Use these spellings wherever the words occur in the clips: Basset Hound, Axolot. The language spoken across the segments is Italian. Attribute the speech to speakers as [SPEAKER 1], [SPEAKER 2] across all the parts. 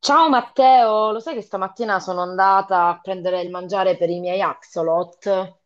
[SPEAKER 1] Ciao Matteo, lo sai che stamattina sono andata a prendere il mangiare per i miei axolot?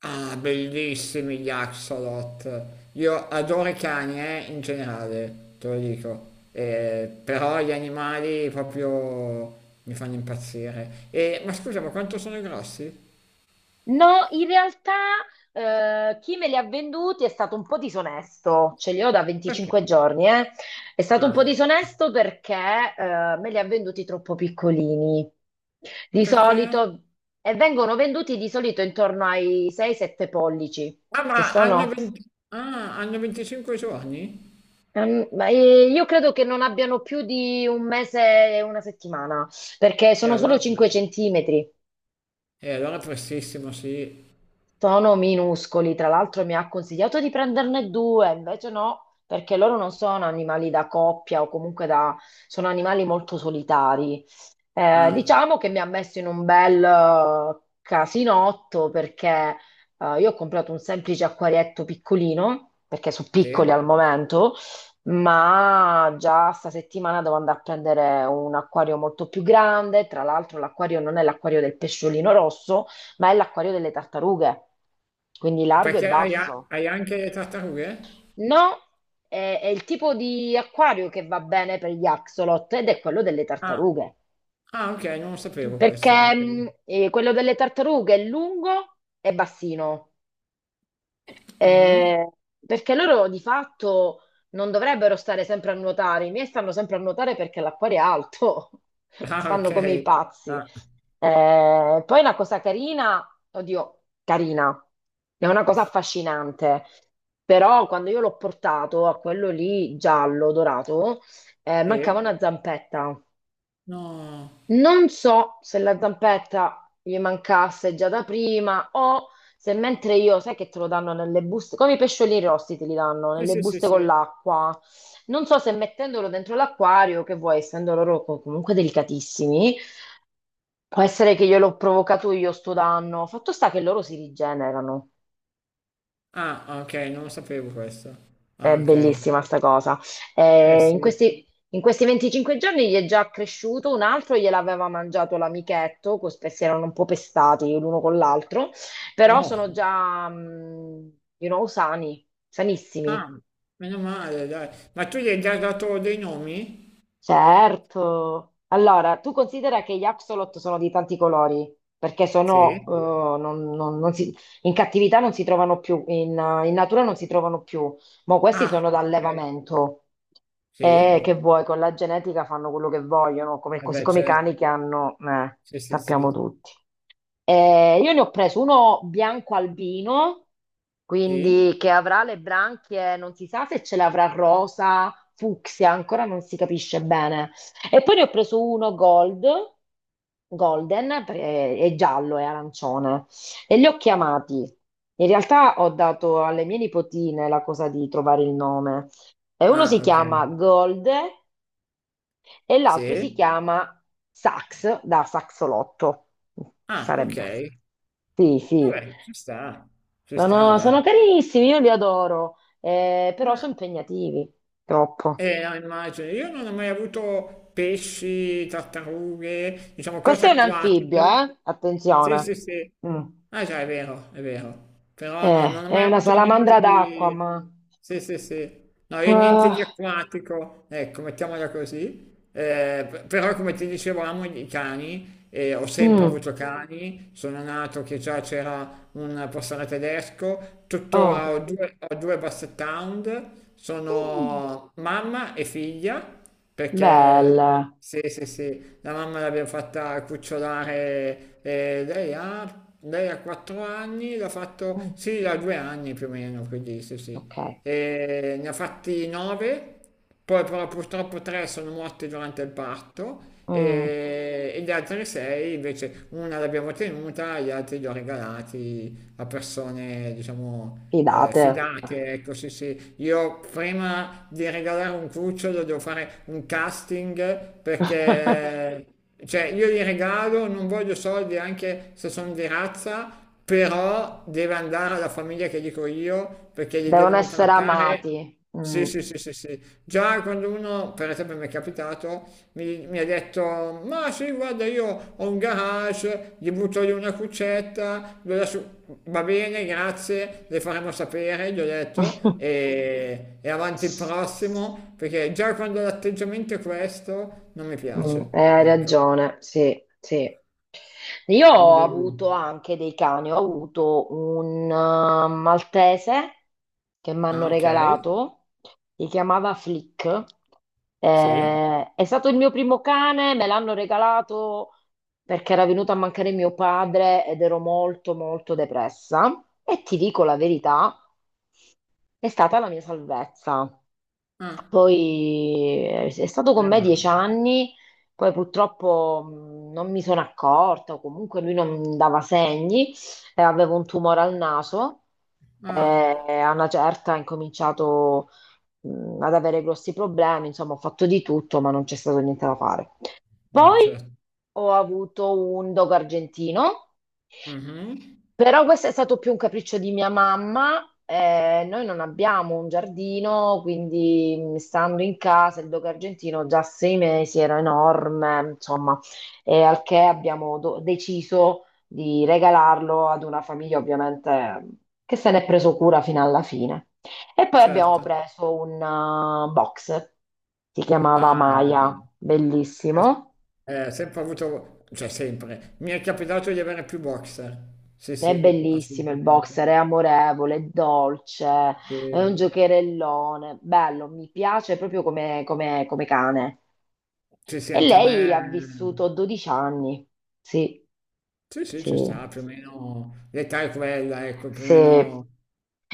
[SPEAKER 2] Ah, bellissimi gli Axolot. Io adoro i cani, in generale, te lo dico. Però gli animali proprio mi fanno impazzire. E, ma scusa, ma quanto sono grossi?
[SPEAKER 1] No, in realtà chi me li ha venduti è stato un po' disonesto, ce li ho da
[SPEAKER 2] Perché?
[SPEAKER 1] 25 giorni, eh. È stato un po'
[SPEAKER 2] Ah,
[SPEAKER 1] disonesto perché me li ha venduti troppo piccolini. Di
[SPEAKER 2] perché?
[SPEAKER 1] solito, e vengono venduti di solito intorno ai 6-7 pollici,
[SPEAKER 2] Ah,
[SPEAKER 1] che
[SPEAKER 2] ma hanno
[SPEAKER 1] sono...
[SPEAKER 2] 20 ah, hanno 25 giorni?
[SPEAKER 1] Ma, io credo che non abbiano più di un mese e una settimana, perché
[SPEAKER 2] E
[SPEAKER 1] sono solo
[SPEAKER 2] allora,
[SPEAKER 1] 5 centimetri.
[SPEAKER 2] e allora, prestissimo, sì.
[SPEAKER 1] Sono minuscoli, tra l'altro mi ha consigliato di prenderne due, invece no, perché loro non sono animali da coppia o comunque da... sono animali molto solitari. Eh,
[SPEAKER 2] Ah,
[SPEAKER 1] diciamo che mi ha messo in un bel casinotto, perché io ho comprato un semplice acquarietto piccolino, perché sono piccoli
[SPEAKER 2] sì?
[SPEAKER 1] al momento, ma già sta settimana devo andare a prendere un acquario molto più grande. Tra l'altro, l'acquario non è l'acquario del pesciolino rosso, ma è l'acquario delle tartarughe, quindi largo e
[SPEAKER 2] Perché hai, a-
[SPEAKER 1] basso.
[SPEAKER 2] hai anche le tartarughe?
[SPEAKER 1] No, è il tipo di acquario che va bene per gli axolot ed è quello delle
[SPEAKER 2] Ah,
[SPEAKER 1] tartarughe,
[SPEAKER 2] ah, ok, non lo sapevo questo. Ah,
[SPEAKER 1] perché
[SPEAKER 2] ok.
[SPEAKER 1] quello delle tartarughe è lungo e bassino.
[SPEAKER 2] Mhm.
[SPEAKER 1] Eh, perché loro di fatto non dovrebbero stare sempre a nuotare, i miei stanno sempre a nuotare perché l'acquario è alto,
[SPEAKER 2] Ah,
[SPEAKER 1] fanno
[SPEAKER 2] ok.
[SPEAKER 1] come i pazzi.
[SPEAKER 2] Ah,
[SPEAKER 1] Poi una cosa carina, oddio, carina, è una cosa affascinante, però quando io l'ho portato, a quello lì giallo dorato, mancava
[SPEAKER 2] sì?
[SPEAKER 1] una zampetta.
[SPEAKER 2] No.
[SPEAKER 1] Non so se la zampetta gli mancasse già da prima o se mentre io, sai che te lo danno nelle buste, come i pesciolini rossi te li danno
[SPEAKER 2] Sì,
[SPEAKER 1] nelle
[SPEAKER 2] sì, sì,
[SPEAKER 1] buste con
[SPEAKER 2] sì.
[SPEAKER 1] l'acqua. Non so se mettendolo dentro l'acquario, che vuoi, essendo loro comunque delicatissimi, può essere che gliel'ho provocato io sto danno. Fatto sta che loro si rigenerano.
[SPEAKER 2] Ah, ok, non lo sapevo questo.
[SPEAKER 1] È
[SPEAKER 2] Ah, ok.
[SPEAKER 1] bellissima sta cosa.
[SPEAKER 2] Eh
[SPEAKER 1] Eh, in
[SPEAKER 2] sì.
[SPEAKER 1] questi, in questi 25 giorni gli è già cresciuto, un altro gliel'aveva mangiato l'amichetto, così si erano un po' pestati l'uno con l'altro, però
[SPEAKER 2] No.
[SPEAKER 1] sono già, sani,
[SPEAKER 2] Ah,
[SPEAKER 1] sanissimi.
[SPEAKER 2] meno male, dai. Ma tu gli hai già dato dei nomi?
[SPEAKER 1] Certo. Allora, tu considera che gli axolot sono di tanti colori, perché sono,
[SPEAKER 2] Sì.
[SPEAKER 1] non- non- non si- in cattività non si trovano più, in natura non si trovano più, ma questi
[SPEAKER 2] Ah,
[SPEAKER 1] sono
[SPEAKER 2] ok.
[SPEAKER 1] d'allevamento. Eh,
[SPEAKER 2] Sì.
[SPEAKER 1] che vuoi, con la genetica fanno quello che vogliono, come- così
[SPEAKER 2] Vabbè,
[SPEAKER 1] come i
[SPEAKER 2] certo.
[SPEAKER 1] cani, che hanno,
[SPEAKER 2] Sì, sì,
[SPEAKER 1] sappiamo
[SPEAKER 2] sì.
[SPEAKER 1] tutti. Io ne ho preso uno bianco albino,
[SPEAKER 2] Sì.
[SPEAKER 1] quindi che avrà le branchie, non si sa se ce l'avrà rosa, fucsia, ancora non si capisce bene. E poi ne ho preso uno gold, golden, perché è giallo e arancione, e li ho chiamati. In realtà ho dato alle mie nipotine la cosa di trovare il nome. E uno si
[SPEAKER 2] Ah, ok.
[SPEAKER 1] chiama Gold e l'altro si
[SPEAKER 2] Sì.
[SPEAKER 1] chiama Sax, da Saxolotto,
[SPEAKER 2] Ah, ok.
[SPEAKER 1] sarebbe. Sì, sì,
[SPEAKER 2] Vabbè, ci sta. Ci sta,
[SPEAKER 1] sono
[SPEAKER 2] dai.
[SPEAKER 1] carissimi, io li adoro, però
[SPEAKER 2] Ah,
[SPEAKER 1] sono impegnativi, troppo.
[SPEAKER 2] eh, no, immagino, io non ho mai avuto pesci, tartarughe, diciamo
[SPEAKER 1] Questo
[SPEAKER 2] cose
[SPEAKER 1] è un anfibio,
[SPEAKER 2] acquatiche.
[SPEAKER 1] eh?
[SPEAKER 2] Sì,
[SPEAKER 1] Attenzione.
[SPEAKER 2] sì, sì.
[SPEAKER 1] Mm.
[SPEAKER 2] Ah già, è vero, è vero. Però no, non
[SPEAKER 1] Eh,
[SPEAKER 2] ho
[SPEAKER 1] è
[SPEAKER 2] mai
[SPEAKER 1] una
[SPEAKER 2] avuto niente
[SPEAKER 1] salamandra d'acqua,
[SPEAKER 2] di.
[SPEAKER 1] ma...
[SPEAKER 2] Sì, sì, sì. No, io niente di
[SPEAKER 1] Ah,
[SPEAKER 2] acquatico, ecco, mettiamola così. Però come ti dicevo amo i cani, e ho sempre
[SPEAKER 1] mm,
[SPEAKER 2] avuto cani, sono nato che già c'era un pastore tedesco, tuttora
[SPEAKER 1] oh.
[SPEAKER 2] ho due basset hound,
[SPEAKER 1] Mm,
[SPEAKER 2] sono mamma e figlia, perché
[SPEAKER 1] belle.
[SPEAKER 2] sì, sì, sì, la mamma l'abbiamo fatta cucciolare, lei ha 4 anni, l'ha fatto,
[SPEAKER 1] Mm,
[SPEAKER 2] sì, ha 2 anni più o meno, quindi sì, sì,
[SPEAKER 1] ok.
[SPEAKER 2] e ne ha fatti nove, poi però purtroppo tre sono morti durante il parto
[SPEAKER 1] Mm,
[SPEAKER 2] e gli altri sei invece una l'abbiamo tenuta, gli altri li ho regalati a persone, diciamo,
[SPEAKER 1] fidate.
[SPEAKER 2] fidate, ecco sì sì. Io prima di regalare un cucciolo devo fare un casting perché. Cioè, io li regalo, non voglio soldi anche se sono di razza, però deve andare alla famiglia che dico io perché li
[SPEAKER 1] Devono
[SPEAKER 2] devono
[SPEAKER 1] essere
[SPEAKER 2] trattare.
[SPEAKER 1] amati.
[SPEAKER 2] Sì,
[SPEAKER 1] Mm.
[SPEAKER 2] sì, sì, sì, sì. Già quando uno, per esempio, mi è capitato, mi ha detto: ma sì, guarda, io ho un garage, gli butto lì una cuccetta, va bene, grazie, le faremo sapere, gli ho detto, e avanti il prossimo, perché già quando l'atteggiamento è questo, non mi
[SPEAKER 1] Mm,
[SPEAKER 2] piace.
[SPEAKER 1] hai
[SPEAKER 2] Ecco,
[SPEAKER 1] ragione, sì, sì. Io
[SPEAKER 2] quindi.
[SPEAKER 1] ho avuto anche dei cani, ho avuto un maltese che mi hanno
[SPEAKER 2] Ah, ok,
[SPEAKER 1] regalato, si chiamava Flick.
[SPEAKER 2] sì.
[SPEAKER 1] È stato il mio primo cane, me l'hanno regalato perché era venuto a mancare mio padre ed ero molto molto depressa. E ti dico la verità, è stata la mia salvezza.
[SPEAKER 2] Ah,
[SPEAKER 1] Poi è stato con me
[SPEAKER 2] ma.
[SPEAKER 1] 10 anni, poi purtroppo non mi sono accorta, o comunque lui non dava segni, avevo un tumore al naso e
[SPEAKER 2] Ah,
[SPEAKER 1] a una certa ho incominciato ad avere grossi problemi, insomma ho fatto di tutto, ma non c'è stato niente da fare. Poi
[SPEAKER 2] certo.
[SPEAKER 1] ho avuto un dogo argentino,
[SPEAKER 2] Mhm,
[SPEAKER 1] però questo è stato più un capriccio di mia mamma. Noi non abbiamo un giardino, quindi stando in casa il dogo argentino già a 6 mesi era enorme. Insomma, e al che abbiamo deciso di regalarlo ad una famiglia, ovviamente, che se ne è preso cura fino alla fine. E poi abbiamo
[SPEAKER 2] certo.
[SPEAKER 1] preso un box, si chiamava
[SPEAKER 2] Ah,
[SPEAKER 1] Maya,
[SPEAKER 2] io s-
[SPEAKER 1] bellissimo.
[SPEAKER 2] ho sempre avuto, cioè sempre, mi è capitato di avere più boxer. Sì,
[SPEAKER 1] È
[SPEAKER 2] sì,
[SPEAKER 1] bellissimo il
[SPEAKER 2] assolutamente.
[SPEAKER 1] boxer, è amorevole, è dolce, è
[SPEAKER 2] Sì,
[SPEAKER 1] un giocherellone, bello, mi piace proprio come cane.
[SPEAKER 2] sì, sì,
[SPEAKER 1] E
[SPEAKER 2] anche a
[SPEAKER 1] lei ha vissuto
[SPEAKER 2] me.
[SPEAKER 1] 12 anni. Sì,
[SPEAKER 2] Sì, sì,
[SPEAKER 1] sì,
[SPEAKER 2] ci sta, più o meno l'età è quella, ecco, più o
[SPEAKER 1] sì.
[SPEAKER 2] meno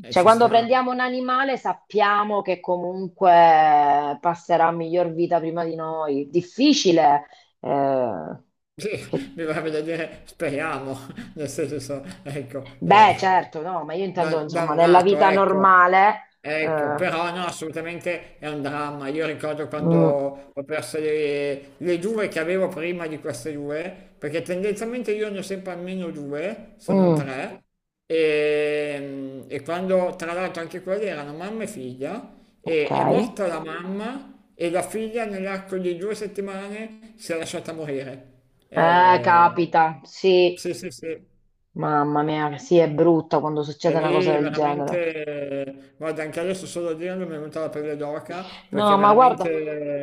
[SPEAKER 1] Cioè,
[SPEAKER 2] ci
[SPEAKER 1] quando
[SPEAKER 2] sta.
[SPEAKER 1] prendiamo un animale sappiamo che comunque passerà miglior vita prima di noi. Difficile, eh,
[SPEAKER 2] Sì,
[SPEAKER 1] che-
[SPEAKER 2] mi va da dire, speriamo, nel senso, ecco, eh,
[SPEAKER 1] beh, certo, no, ma io
[SPEAKER 2] da-
[SPEAKER 1] intendo, insomma,
[SPEAKER 2] dal
[SPEAKER 1] nella
[SPEAKER 2] lato,
[SPEAKER 1] vita
[SPEAKER 2] ecco.
[SPEAKER 1] normale...
[SPEAKER 2] Ecco,
[SPEAKER 1] eh,
[SPEAKER 2] però no, assolutamente è un dramma. Io ricordo quando
[SPEAKER 1] Mm,
[SPEAKER 2] ho perso le due che avevo prima di queste due, perché tendenzialmente io ne ho sempre almeno due, se non
[SPEAKER 1] mm.
[SPEAKER 2] tre, e quando tra l'altro anche quelle erano mamma e figlia,
[SPEAKER 1] Ok.
[SPEAKER 2] e è
[SPEAKER 1] Eh,
[SPEAKER 2] morta la mamma e la figlia nell'arco di 2 settimane si è lasciata morire. Eh,
[SPEAKER 1] capita, sì.
[SPEAKER 2] sì, sì, sì.
[SPEAKER 1] Mamma mia, sì, è brutta quando
[SPEAKER 2] E
[SPEAKER 1] succede una cosa
[SPEAKER 2] lì
[SPEAKER 1] del genere.
[SPEAKER 2] veramente, guarda, anche adesso solo a dirlo mi è venuta la pelle d'oca
[SPEAKER 1] No,
[SPEAKER 2] perché
[SPEAKER 1] ma guarda,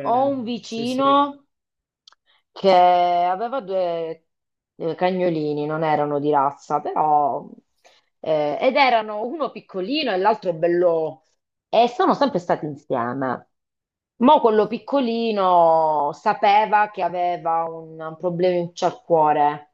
[SPEAKER 1] ho un
[SPEAKER 2] sì, sì,
[SPEAKER 1] vicino che aveva due cagnolini, non erano di razza, però... ed erano uno piccolino e l'altro bello... E sono sempre stati insieme. Mo' quello piccolino sapeva che aveva un problema al cuore.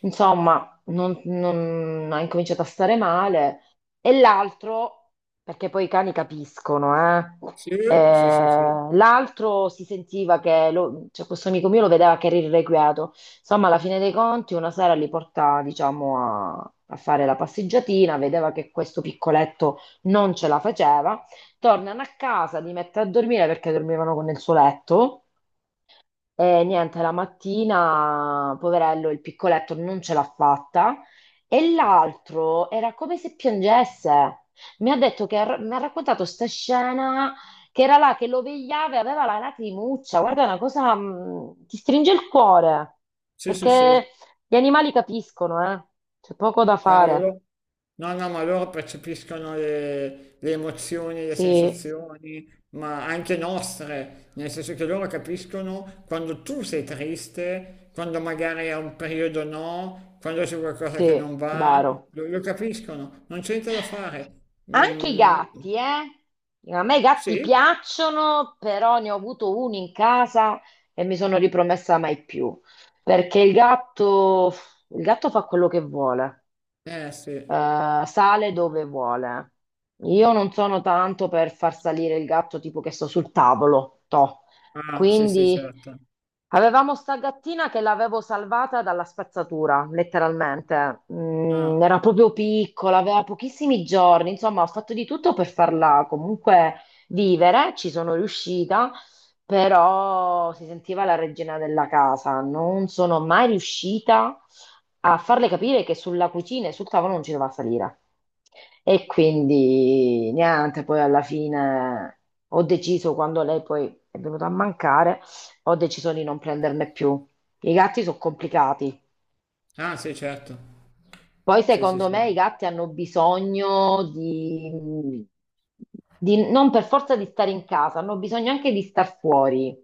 [SPEAKER 1] Insomma, ha incominciato a stare male. E l'altro, perché poi i cani capiscono, eh?
[SPEAKER 2] sì, sì,
[SPEAKER 1] Eh,
[SPEAKER 2] sì, sì,
[SPEAKER 1] l'altro si sentiva che cioè, questo amico mio lo vedeva che era irrequieto. Insomma, alla fine dei conti, una sera li porta, diciamo, a fare la passeggiatina, vedeva che questo piccoletto non ce la faceva. Tornano a casa, li mette a dormire perché dormivano con il suo letto. E niente, la mattina, poverello, il piccoletto non ce l'ha fatta e l'altro era come se piangesse. Mi ha detto, che mi ha raccontato sta scena, che era là che lo vegliava e aveva la lacrimuccia. Guarda, è una cosa ti stringe il cuore
[SPEAKER 2] sì, sì, sì,
[SPEAKER 1] perché gli animali capiscono, eh? C'è poco da fare.
[SPEAKER 2] cavolo. No, no, ma loro percepiscono le emozioni, le
[SPEAKER 1] Sì,
[SPEAKER 2] sensazioni, ma anche nostre, nel senso che loro capiscono quando tu sei triste, quando magari è un periodo no, quando c'è qualcosa che non
[SPEAKER 1] sì,
[SPEAKER 2] va,
[SPEAKER 1] vero.
[SPEAKER 2] lo capiscono, non c'è niente da fare.
[SPEAKER 1] Anche i
[SPEAKER 2] Mm,
[SPEAKER 1] gatti, eh? A me i gatti
[SPEAKER 2] sì,
[SPEAKER 1] piacciono, però ne ho avuto uno in casa e mi sono ripromessa mai più, perché il gatto fa quello che vuole,
[SPEAKER 2] eh sì.
[SPEAKER 1] sale dove vuole. Io
[SPEAKER 2] Sì.
[SPEAKER 1] non sono tanto per far salire il gatto tipo che sto sul tavolo, toh.
[SPEAKER 2] Ah, sì, sì,
[SPEAKER 1] Quindi,
[SPEAKER 2] certo.
[SPEAKER 1] avevamo sta gattina che l'avevo salvata dalla spazzatura, letteralmente.
[SPEAKER 2] Ah,
[SPEAKER 1] Era proprio piccola, aveva pochissimi giorni, insomma, ho fatto di tutto per farla comunque vivere, ci sono riuscita, però si sentiva la regina della casa. Non sono mai riuscita a farle capire che sulla cucina e sul tavolo non ci doveva salire. E quindi niente, poi alla fine ho deciso, quando lei poi è venuta a mancare, ho deciso di non prenderne più. I gatti sono complicati.
[SPEAKER 2] ah, sì, certo.
[SPEAKER 1] Poi
[SPEAKER 2] Sì, sì,
[SPEAKER 1] secondo me i
[SPEAKER 2] sì.
[SPEAKER 1] gatti hanno bisogno non per forza di stare in casa, hanno bisogno anche di star fuori.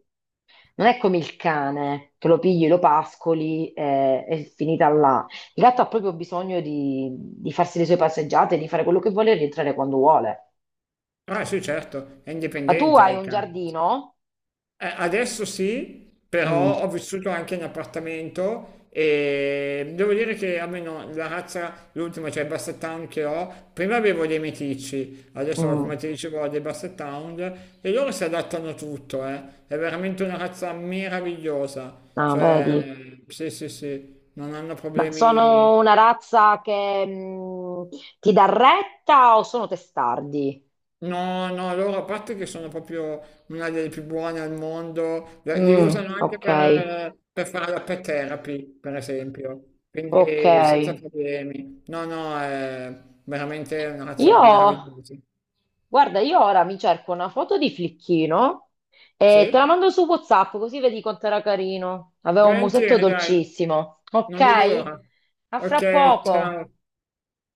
[SPEAKER 1] Non è come il cane, che lo pigli, lo pascoli e è finita là. Il gatto ha proprio bisogno di, farsi le sue passeggiate, di fare quello che vuole e rientrare quando vuole.
[SPEAKER 2] Ah, sì, certo, è
[SPEAKER 1] Ma tu
[SPEAKER 2] indipendente
[SPEAKER 1] hai
[SPEAKER 2] il
[SPEAKER 1] un
[SPEAKER 2] cane.
[SPEAKER 1] giardino?
[SPEAKER 2] Adesso sì,
[SPEAKER 1] Mm,
[SPEAKER 2] però ho vissuto anche in appartamento e devo dire che almeno la razza, l'ultima, cioè il Basset Hound che ho, prima avevo dei meticci, adesso come
[SPEAKER 1] mm.
[SPEAKER 2] ti dicevo ho dei Basset Hound e loro si adattano a tutto, eh. È veramente una razza meravigliosa.
[SPEAKER 1] No,
[SPEAKER 2] Cioè,
[SPEAKER 1] vedi.
[SPEAKER 2] sì, sì, sì, non hanno
[SPEAKER 1] Ma sono
[SPEAKER 2] problemi.
[SPEAKER 1] una razza che ti dà retta o sono testardi?
[SPEAKER 2] No, no, loro a parte che sono proprio una delle più buone al mondo, li
[SPEAKER 1] Mm,
[SPEAKER 2] usano anche
[SPEAKER 1] ok,
[SPEAKER 2] per fare la pet therapy, per esempio,
[SPEAKER 1] ok.
[SPEAKER 2] quindi senza problemi. No, no, è veramente una razza
[SPEAKER 1] Io,
[SPEAKER 2] meravigliosa.
[SPEAKER 1] guarda, io ora mi cerco una foto di Flicchino e te la
[SPEAKER 2] Sì?
[SPEAKER 1] mando su WhatsApp, così vedi quanto era carino. Aveva un musetto
[SPEAKER 2] Volentieri, dai,
[SPEAKER 1] dolcissimo. Ok?
[SPEAKER 2] non vedo l'ora.
[SPEAKER 1] A fra
[SPEAKER 2] Ok,
[SPEAKER 1] poco.
[SPEAKER 2] ciao.